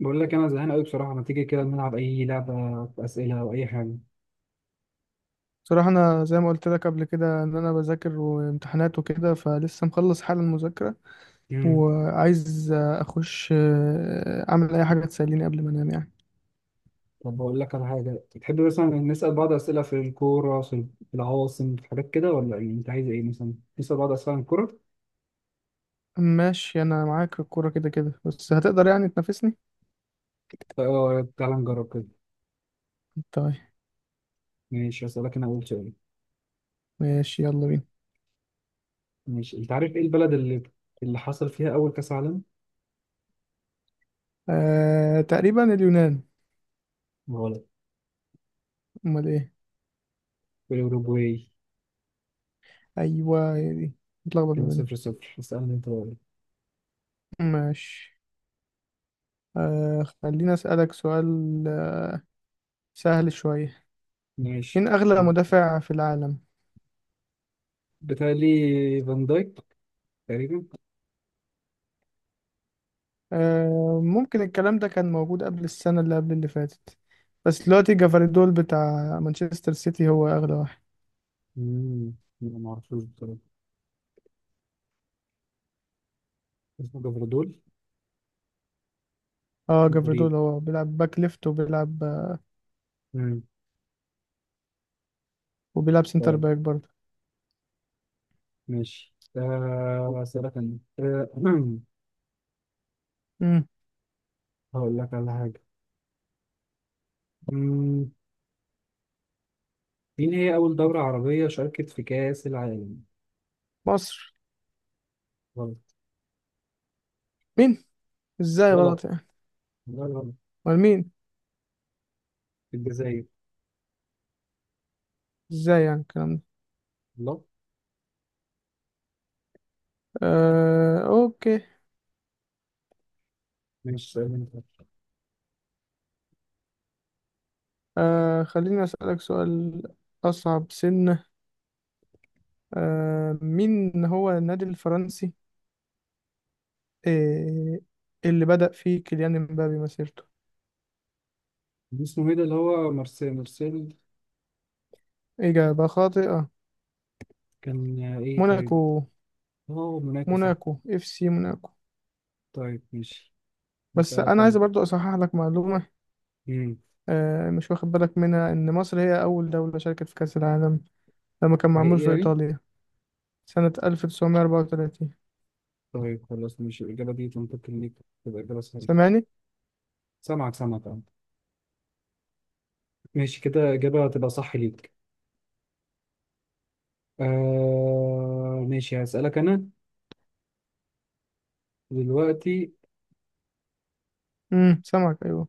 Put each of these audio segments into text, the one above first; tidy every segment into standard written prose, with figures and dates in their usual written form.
بقول لك انا زهقان قوي بصراحه. ما تيجي كده نلعب اي لعبه، اسئله او اي حاجه؟ بصراحة أنا زي ما قلت لك قبل كده إن أنا بذاكر وامتحانات وكده فلسه مخلص حالا مذاكرة امم وعايز أخش أعمل أي حاجة تسليني قبل ما أنام يعني. طب بقول لك على حاجه تحب مثلا، نسال بعض اسئله في الكوره، في العواصم، في حاجات كده، ولا يعني انت عايز ايه مثلا؟ نسال بعض اسئله عن الكوره. ماشي، أنا معاك في الكورة كده كده، بس هتقدر يعني تنافسني؟ طيب، تعال نجرب كده. طيب، ماشي، اسالك انا اول سؤال. ماشي يلا بينا. ماشي، انت عارف ايه البلد اللي حصل فيها اول كاس عالم؟ تقريبا اليونان. غلط. أمال إيه؟ الاوروجواي. أيوة هي دي، متلخبط ما كده بينهم. 0-0. اسالني انت بقى. ماشي، خليني أسألك سؤال سهل شوية. ماشي. مين أغلى مدافع في العالم؟ بتهيألي فان دايك تقريبا. ممكن الكلام ده كان موجود قبل السنة اللي قبل اللي فاتت، بس دلوقتي جافاردول بتاع مانشستر سيتي هو أغلى واحد. امم لا، ما اعرفوش بصراحه. اسمه جبردول. اه غريب. جافاردول هو بيلعب باك ليفت وبيلعب مم. وبيلعب سنتر طيب. باك برضه. ماشي، أسألك أنا مم. هقول لك على حاجة. مم. مين هي أول دولة عربية شاركت في كأس العالم؟ مصر. غلط. مين، ازاي غلط غلط. يعني؟ لا، غلط. امال مين؟ في الجزائر. ازاي يعني الكلام ده؟ الله. آه، اوكي. ماشي، سؤال أنت. خليني أسألك سؤال. أصعب سنة. مين هو النادي الفرنسي آه اللي بدأ فيه كيليان مبابي مسيرته؟ اسمه إيه ده اللي هو؟ مرسيل مرسيل. إجابة خاطئة. كان إيه طيب؟ موناكو، أه، موناكو صح. موناكو اف سي موناكو. طيب ماشي، بس هسألك انا عايز أنا. برضو اصحح لك معلومه، مم. مش واخد بالك منها ان مصر هي اول دوله شاركت في كاس العالم لما كان معمول حقيقي في يعني؟ ايطاليا سنه 1934. طيب خلاص، ماشي. الإجابة دي ممكن ليك تبقى إجابة صحيحة. سامعني؟ سامعك، سامعك أنت. ماشي كده، إجابة تبقى صح ليك. ماشي، هسألك أنا دلوقتي. امم، سامعك ايوه.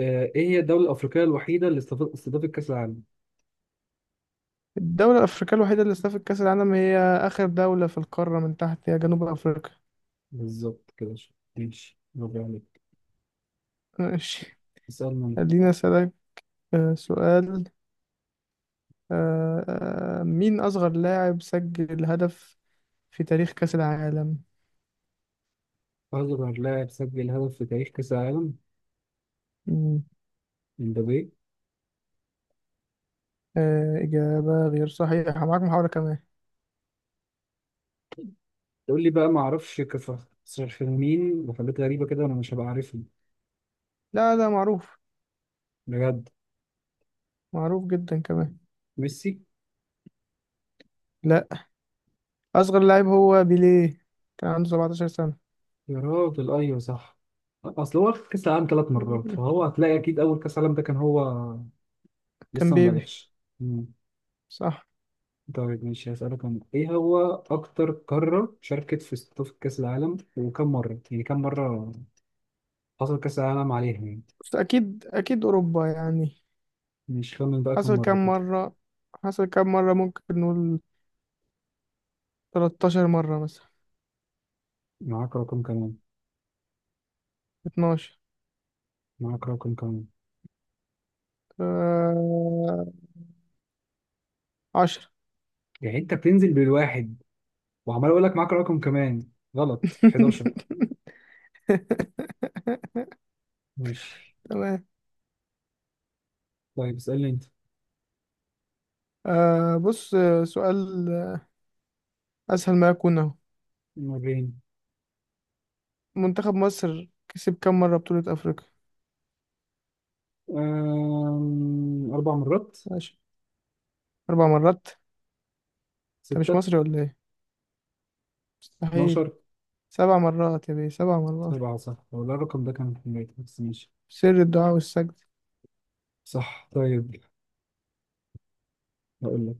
إيه هي الدولة الأفريقية الوحيدة اللي استضافت كأس العالم؟ الدوله الافريقيه الوحيده اللي استضافت كاس العالم هي اخر دوله في القاره من تحت، هي جنوب افريقيا. بالظبط كده شو. ماشي، برافو عليك. ماشي. اسألنا. خليني اسالك سؤال. مين اصغر لاعب سجل هدف في تاريخ كاس العالم؟ أصغر لاعب سجل هدف في تاريخ كأس العالم. مم. امبابي. إجابة غير صحيحة، معاك محاولة كمان. تقول لي بقى ما أعرفش كفاخرين وحاجات غريبة كده، وأنا مش هبقى عارفهم. لا لا، معروف، بجد. معروف جدا كمان. ميسي. لا. أصغر لاعب هو بيليه، كان عنده 17 سنة. يا راجل، أيوه صح. أصل هو واخد كأس العالم 3 مرات، فهو هتلاقي أكيد أول كأس عالم ده كان هو. كان لسه بيبي، مبالغش. صح. طيب ماشي، هسألك أنا. إيه هو أكتر قارة شاركت في استضافة كأس العالم وكم مرة؟ يعني كم مرة حصل كأس العالم عليها يعني؟ بس أكيد أكيد أوروبا يعني. مش، خمن بقى كم حصل مرة كام كده. مرة؟ حصل كام مرة ممكن نقول 13 مرة مثلا. معاك رقم كمان. 12. معاك رقم كمان. آه... 10. يعني أنت بتنزل بالواحد، وعمال أقول لك معاك رقم كمان. غلط، 11. ماشي. تمام. طيب اسألني أنت. بص، سؤال أسهل ما يكون أهو. مرين. منتخب مصر كسب كام مرة بطولة أفريقيا؟ 4 مرات. ماشي، أربع مرات. أنت مش ستة. مصري ولا إيه؟ مستحيل. 12. سبع مرات يا بيه، سبع مرات. سبعة، صح ولا الرقم ده كان في البيت بس؟ ماشي. سر الدعاء والسجد. صح، طيب. هقول لك.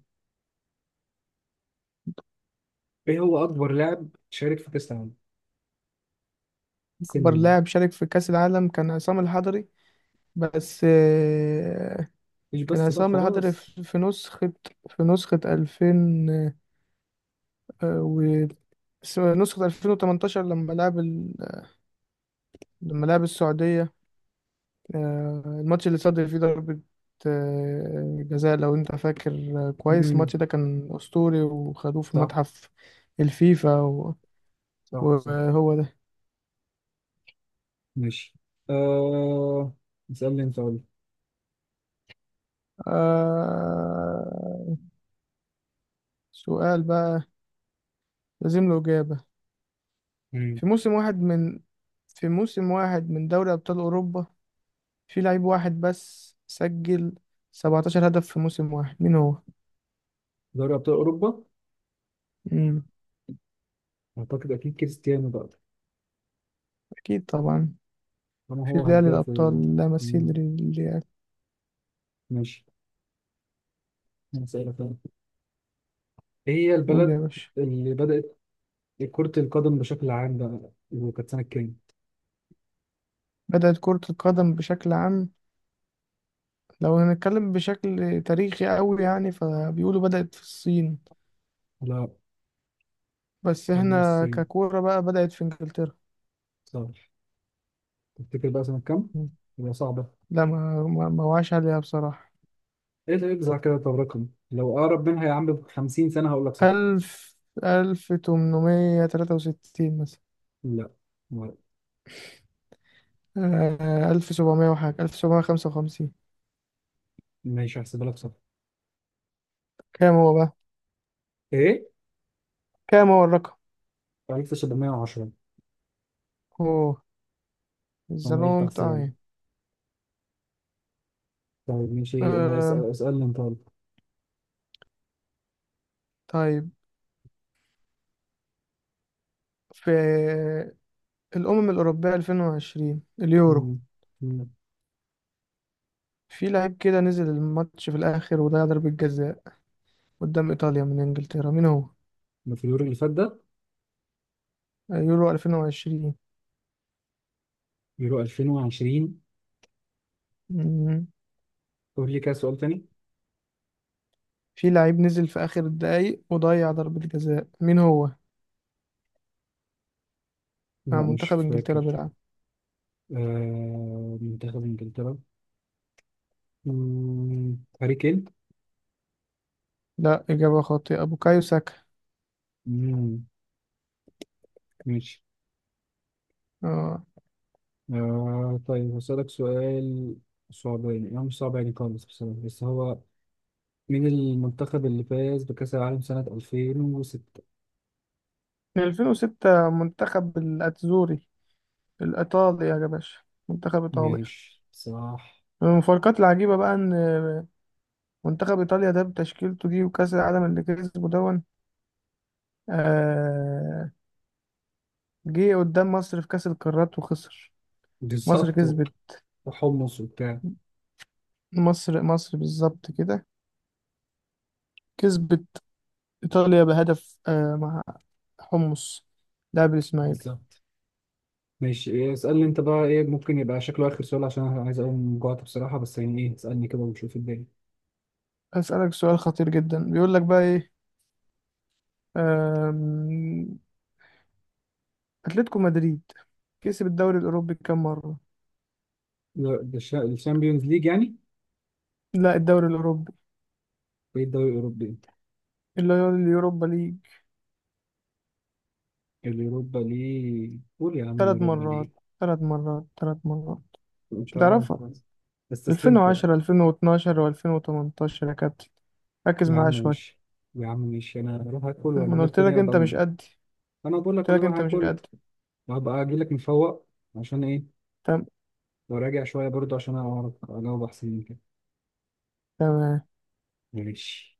ايه هو اكبر لاعب شارك في كاس العالم؟ سن أكبر مين؟ لاعب شارك في كأس العالم كان عصام الحضري. بس مش كان بس بقى، عصام الحضري خلاص. في نسخة 2000، و نسخة 2018، لما لعب السعودية. الماتش اللي صدر فيه ضربة جزاء، لو انت فاكر. كويس، امم. الماتش ده كان أسطوري وخدوه في صح متحف الفيفا صح صح. وهو ده. ماشي، آه اسالني انت، قول. آه، سؤال بقى لازم له إجابة. امم في موسم واحد من في موسم واحد من دوري أبطال أوروبا في لعيب واحد بس سجل 17 هدف في موسم واحد، مين هو؟ دوري ابطال اوروبا. مم. اعتقد اكيد كريستيانو بقى. أكيد طبعا، طالما في هو دوري هداف. الأبطال لا مثيل مم. للريال. ماشي. أنا اسالك أنا. ايه هي قول يا البلد باشا. اللي بدات كرة القدم بشكل عام بقى، وكانت سنة كام؟ بدأت كرة القدم بشكل عام، لو هنتكلم بشكل تاريخي أوي يعني فبيقولوا بدأت في الصين، لا، بس قبل إحنا الصين. ككورة بقى بدأت في إنجلترا. صح. تفتكر بقى سنة كام؟ مم. هي صعبة. لا، ما وعاش عليها بصراحة. ايه ده يجزع كده؟ طب رقم لو اقرب منها يا عم ب 50 سنه هقول لك صفر. ألف 1863 مثلا، لا. ما- 1755. ماشي، هحسبها لك صفر. كام هو بقى؟ ايه؟ كام هو الرقم؟ 1710. أوه، it's a انا قلت long هحسبها لك. time. طيب ماشي. آه، اسالني انت، يلا. طيب، في الأمم الأوروبية 2020، اليورو، مم. مم. في لعيب كده نزل الماتش في الآخر وضيع ضربة جزاء قدام إيطاليا من إنجلترا، مين هو؟ ما في اليورو اللي فات ده. يورو 2020. يورو 2020. مم. قول لي كده سؤال تاني. في لعيب نزل في آخر الدقايق وضيع ضربة جزاء، مين هو؟ مع لا، مش منتخب إنجلترا فاكر. بيلعب. آه، منتخب انجلترا. مم. هاري كين. لا، إجابة خاطئة، بوكايو ساكا. مم. ماشي. آه. طيب هسألك سؤال صعب، يعني مش صعب يعني خالص بصراحة، بس هو مين المنتخب اللي فاز بكأس العالم سنة 2006؟ من 2006 منتخب الأتزوري، الإيطالي يا باشا، منتخب إيطاليا. ماشي، صح. من المفارقات العجيبة بقى إن منتخب إيطاليا ده بتشكيلته دي وكأس العالم اللي كسبه دون، آه جه قدام مصر في كأس القارات وخسر. مصر بالظبط. كسبت، وحمص وبتاع. مصر بالظبط كده، كسبت إيطاليا بهدف، مع حمص، لاعب الإسماعيلي. بالظبط. ماشي، إيه، اسألني انت بقى. ايه ممكن يبقى شكله آخر سؤال، عشان انا عايز اقوم، جوعت بصراحة. بس يعني ايه، اسألني كده ونشوف الدنيا. أسألك سؤال خطير جدا، بيقول لك بقى إيه، اتلتيكو مدريد كسب الدوري الاوروبي كام مره؟ لا، ده الشامبيونز ليج يعني. لا، الدوري الاوروبي ايه الدوري الأوروبي انت؟ اللي هو اليوروبا ليج. اليوروبا ليج. قول يا عم، ثلاث اليوروبا مرات، ليج. ثلاث مرات، ثلاث مرات. انت مش اه هتعرفها. أنت استسلمت يعني. 2010، 2012 و2018 يا كابتن، ركز يا عم معايا شويه. ماشي. يا عم ماشي، انا هروح اكل ما واجي انا لك قلت لك تاني ابقى انت أقول مش لك. قدي، انا بقول لك، قلت انا لك هروح انت مش اكل. قدي. هبقى اجي لك مفوق. عشان ايه؟ تم- لو راجع شويه برضه عشان اعرف اجاوب احسن من كده. تمام. ماشي.